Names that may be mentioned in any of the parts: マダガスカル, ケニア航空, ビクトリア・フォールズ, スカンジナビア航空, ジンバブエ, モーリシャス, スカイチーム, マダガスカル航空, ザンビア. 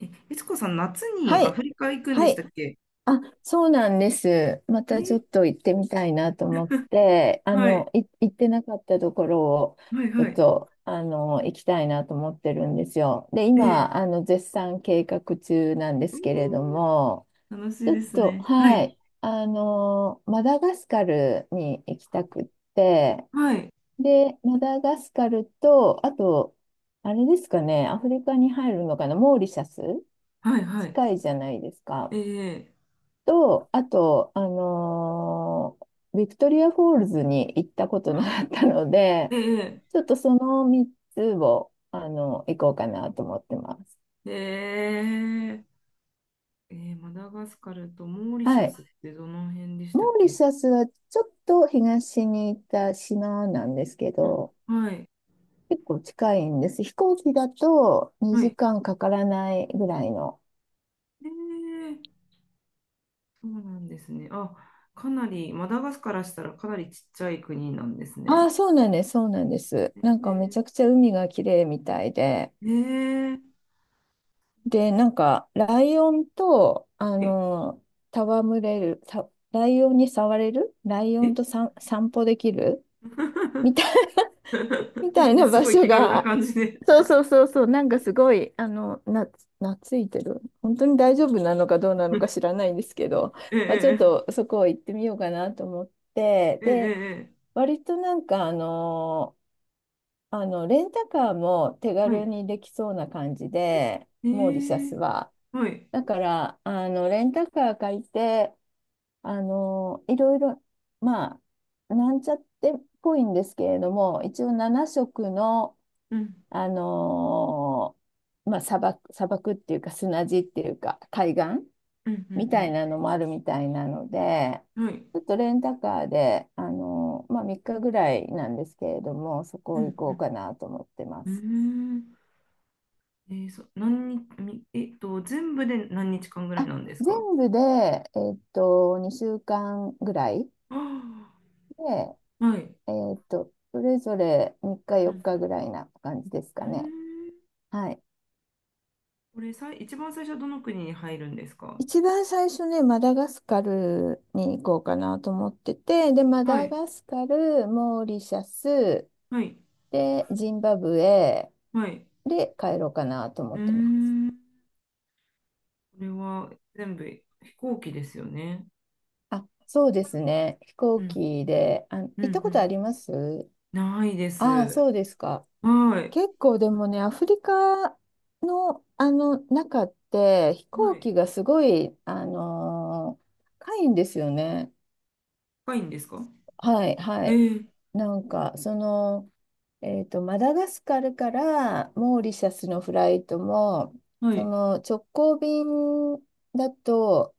え、悦子さん、夏にはアい。フリカ行くんではしたい。っけ？あ、そうなんです。まえたちょーっと行ってみたいなと思って、はい、行ってなかったところを、はい、ちょはっい。と、行きたいなと思ってるんですよ。で、ええ、今、絶賛計画中なんでうすけれども、ーん、楽しいちょでっすと、ね。ははい、い。マダガスカルに行きたくって、はい、で、マダガスカルと、あと、あれですかね、アフリカに入るのかな、モーリシャスはい、はい。近いじゃないですか。ええ、と、あと、ビクトリア・フォールズに行ったことなあかったので、ええ、ちょっとその3つを、行こうかなと思ってます。ええ、ええ、マダガスカルとモーリシはャい。スってどの辺でしモたっーリけ？シャスはちょっと東に行った島なんですけあ、ど、はい、結構近いんです。飛行機だとは2い。時間かからないぐらいの。ええ、そうなんですね。あ、かなり、マダガスからしたらかなりちっちゃい国なんですあね。あ、そうなんです、そうなんです。なんかめちえゃくちゃ海が綺麗みたいで、え、ええ、で、なんか、ライオンと、戯れる、さライオンに触れるライえオンえ とさ散歩できるみ たい、みたい なす場ごい所気軽なが、感じで そうそうそうそう、なんかすごい、懐いてる。本当に大丈夫なのかどうなのか知ら ないんですけど、えまあ、ちょっえ、とそこを行ってみようかなと思って、ええ、えで、え、ええ、割となんか、レンタカーも手は軽い。にできそうな感じで、えモーリシャスえ、は。はい。だから、レンタカー借りて、いろいろ、まあ、なんちゃってっぽいんですけれども、一応7色の、うん、あの砂漠、砂漠っていうか砂地っていうか海岸うん、うみたいん、なのもあるみたいなので、うん。はい。ちょっとレンタカーで、3日ぐらいなんですけれども、そうこん、行こうかなと思ってまうん。うす。ーん。ええ、そう、何日、みえっと、全部で何日間ぐらいあなんですか？全部で、2週間ぐらいあ、で、あ、はい。それぞれ3日う4ん、日ぐらいな感じですうん。かうーね。ん。はい。これさい、一番最初はどの国に入るんですか？一番最初ね、マダガスカルに行こうかなと思ってて、で、マはダい、ガスカル、モーリシャス、はい、で、ジンバブエはい。で帰ろうかなと思うってます。ん。これは全部飛行機ですよね。あ、そうですね。飛う行ん、機で、あ、行うん、うったことあん。ります？ないでああ、す。そうですか。はい。結構でもね、アフリカの、中って飛は行い。機がすごい、高いんですよね。深いんですか？はいはえい。ー、なんかその、マダガスカルからモーリシャスのフライトもはそい。の直行便だと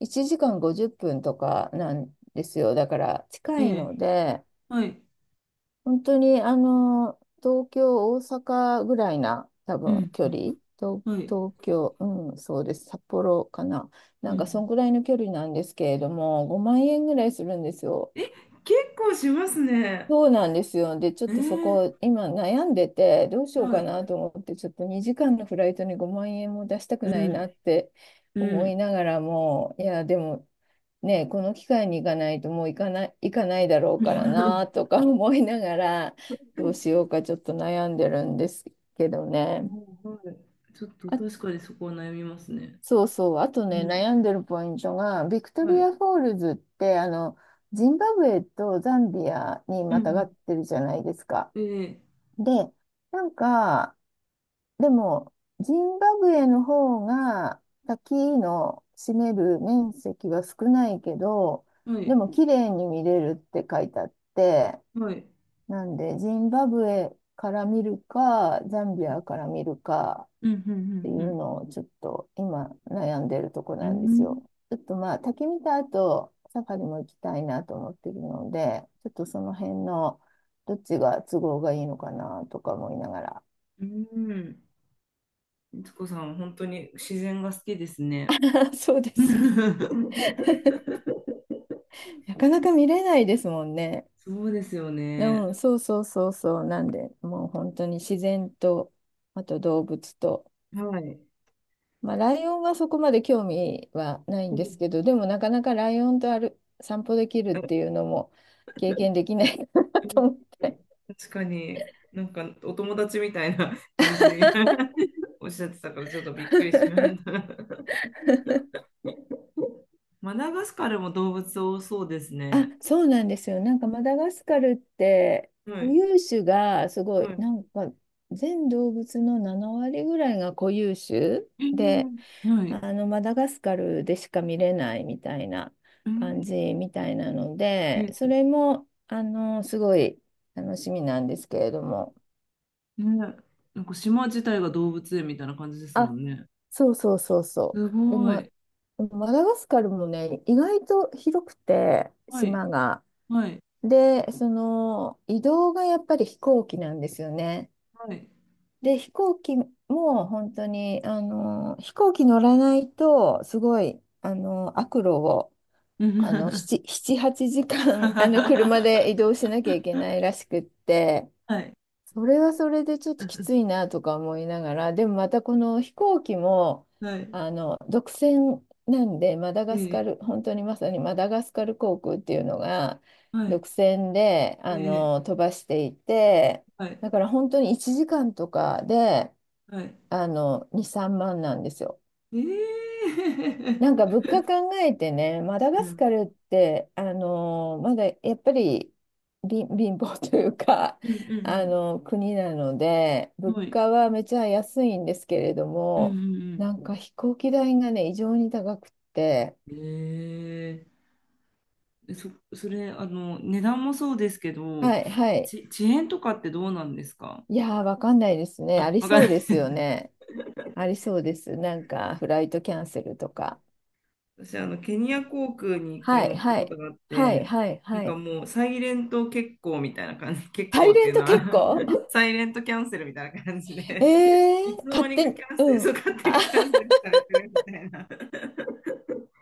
1時間50分とかなんですよ。だから近えいえ、ので。はい。本当に、東京、大阪ぐらいな、多う分、ん。距離。うん、はい。東京、うん、そうです。札幌かな。うなんか、そんん。ぐらいの距離なんですけれども、5万円ぐらいするんですよ。え、結構しますね。そうなんですよ。で、ちょっえとそー、こ、今悩んでて、どうしようはかい。なと思って、ちょっと2時間のフライトに5万円も出したくうないなっん。てう思いん。ながらも、いや、でも、ね、この機会に行かないともう行かないだろうからな とか 思いながら、どうしようかちょっと悩んでるんですけどね。もう、はい。ちょっとあ、確かにそこは悩みますね。そうそう、あとうね、ん。悩んでるポイントが、ビクトはリい。ア・フォールズって、ジンバブエとザンビアにうまたがん。ってるじゃないですか。ええ、で、なんか、でも、ジンバブエの方が滝の占める面積は少ないけど、はでい。も綺麗に見れるって書いてあって、はい。なんで、ジンバブエから見るか、ザンビアから見るかうん。うっていん。ううん。のをちょっと今悩んでるとこうなんですん。よ。ちょっとまあ、滝見た後、サファリも行きたいなと思ってるので、ちょっとその辺のどっちが都合がいいのかなとか思いながら。うん、うん、いつこさん、本当に自然が好きですね。あ、そうですね。なかなか見れないですもんね。そうですよね。うん、そうそうそうそう。なんで、もう本当に自然と、あと動物と。はい。まあ、ライオンはそこまで興味はないんですけ ど、でもなかなかライオンとある散歩できるっうん、ていうのも経験できない なと思って。確かに、なんかお友達みたいな感じに おっしゃってたから、ちょっとびっくりしまし た。マダガスカルも動物多そうですあ、ね。そうなんですよ。なんかマダガスカルっては固い、有種がすごはい、い。なんか全動物の7割ぐらいが固有種えで、ー、はい。あのマダガスカルでしか見れないみたいなう感ん、じみたいなので、そえ、れもすごい楽しみなんですけれども。ね、なんか島自体が動物園みたいな感じですもあ、んね。そうそうそうそすう。で、ごま、い。マダガスカルもね、意外と広くて、はい。島が。はい。で、その移動がやっぱり飛行機なんですよね。はい。で、飛行機も本当に、飛行機乗らないと、すごい、悪路をう7、7、ん 8時間、車で移動しなきゃいけないらしくって、はい。それはそれでちょっときついなとか思いながら、でもまたこの飛行機も、はい。独占なんで、マダガスえカえ、ル、本当にまさにマダガスカル航空っていうのが、はい。独占で、ええ、飛ばしていて、はい。だから本当に1時間とかで、はい。2、3万なんですよ。ええ なんか物価考えてね、マダ うガスん、カルって、まだやっぱり貧乏というか、うん、うあん、の国なので、うん、物はい。価はめちゃ安いんですけれどうん、うも、ん、なんか飛行機代がね、異常に高くって、うん、ええ、それ、値段もそうですけど、はいはい、遅延とかってどうなんですか？いやー、わかんないですね、ああ、りわかんそなうい。ですよね、ありそうです、なんかフライトキャンセルとか、私、ケニア航空に一回は乗いったはこといがあっはいて、はいなんはかい、もう、サイレント欠航みたいな感じ、欠サ航イっレていンうトのは、結構 サイレントキャンセルみたいな感じ で、え いつー、の間勝に手かキに、ャンセル、うそう、ん。勝手あにキャンセルされてるみたいな。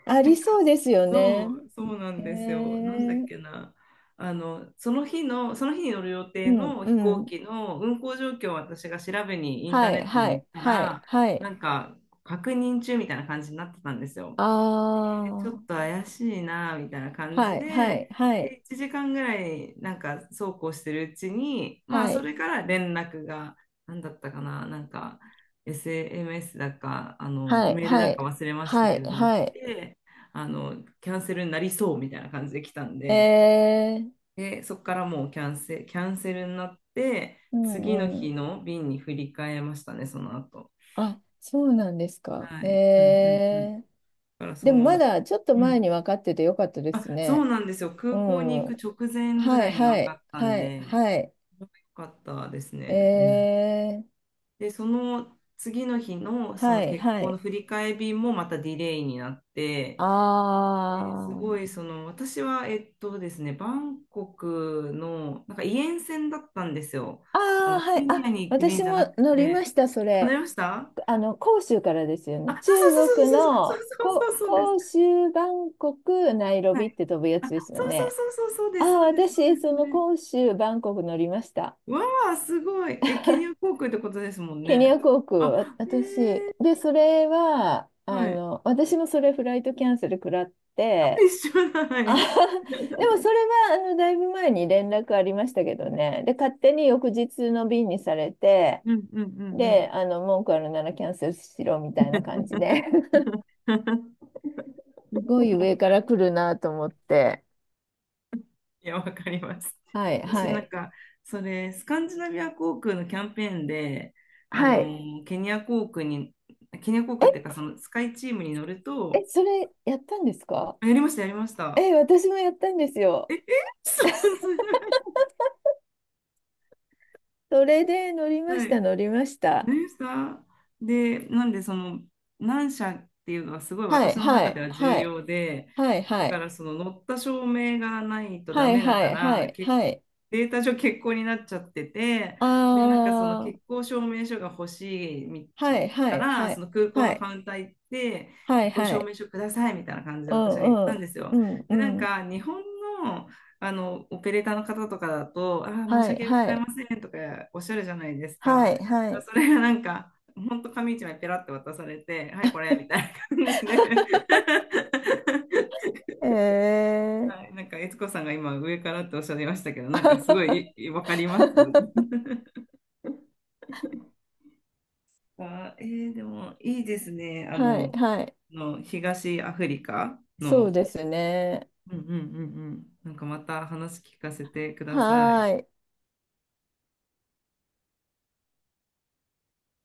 ありそ うですよそね。う、そうなんえですよ。なんだっー、けな。その日の、その日に乗る予う定ん、のう飛行ん。機の運航状況を私が調べにインターはネい、ットには行っい、たはい、ら、はない。んか確認中みたいな感じになってたんですよ。あちょっあ、と怪しいなみたいな感はじい、はで、い、はでい、1時間ぐらいなんかそうこうしてるうちに、まあ、はそい、れから連絡が何だったかな、なんか SMS だかあのはい、メールはだかい、忘れましたはけい、れども来はい。て、あのキャンセルになりそうみたいな感じで来たんえで、ー、でそこからもうキャンセルになってう次のん、う日ん。の便に振り替えましたね、その後。あ、そうなんですか。はい。うん、うん、うん。だえー、からそでもまの、だちょっとうん、前に分かっててよかったであ、すそうね。なんですよ。う空港にん。は行く直前ぐらいいには分かいったんはいで、はい。よかったですえね。うん、ー、で、その次の日のそはのい結は婚のい。振り替え便もまたディレイになって、ですごあいその私は、ですね、バンコクのなんかイエン線だったんですよ。あああ、のはケい。ニアあ、に行く便私じゃなもく乗りまて、した、そわかれ。りました。広州からですよあ、ね。そ中うそう国そうそうそうの、そうそうそうそうそうで広す。州、バンコク、ナイロはビっい。て飛ぶやあ、つですよそうそうね。そうそうそうであす、あ、そうです、そうで私、す、そそのれ、広州、バンコク乗りました。わあ、すごい。え、ケニア航空ってことですもんケニね。ア航空、あ、私。えで、それは、ー、はい。私もそれフライトキャンセル食らっあ、て、一緒だ。はあ でい。もそれは、だいぶ前に連絡ありましたけどね。で、勝手に翌日の便にされて、うん、うん、うん、で、文句あるならキャンセルしろみたいうな感じで ん。すごい上から来るなと思って。いや、わかります。はい、私はなんい。か、それ、スカンジナビア航空のキャンペーンで、はい。ケニア航空に、ケニア航空っていうか、そのスカイチームに乗るえ、え、と、それやったんですか？あ、やりました、やりました。え、私もやったんですえ、よ。え、そう、それそれで乗りは、まはした、い。乗りました。何ですか？で、なんでその何社っていうのはすごいは私い、のは中でい、は重はい、要で、はい、だはかい、らその乗った証明がないとダはい、メだはかい、はら、い、はい。データ上欠航になっちゃってて、あで、なんかそのー、欠航証明書が欲しいはい、はかい、ら、はそい、の空港はのい、カウンター行って、は欠い、航は証い。明書くださいみたいな感じでう私は言ったん、うんん、ですよ。うん、で、なんうん。か日本の、あのオペレーターの方とかだと、あー、申しはい、訳ごはざいまい、せんとかおっしゃるじゃないですはか。い、はい。それがなんか、ほんと紙一枚ペラって渡されて、はい、これみたいな感じで、え ー はい、なんか、悦子さんが今、上からっておっしゃいましたけど、なん か、すごい、わかります。あ、でも、いいですね。はい、はい。東アフリカそうの、ですね。うん、うん、うん、うん、なんかまた話聞かせてください。はーい。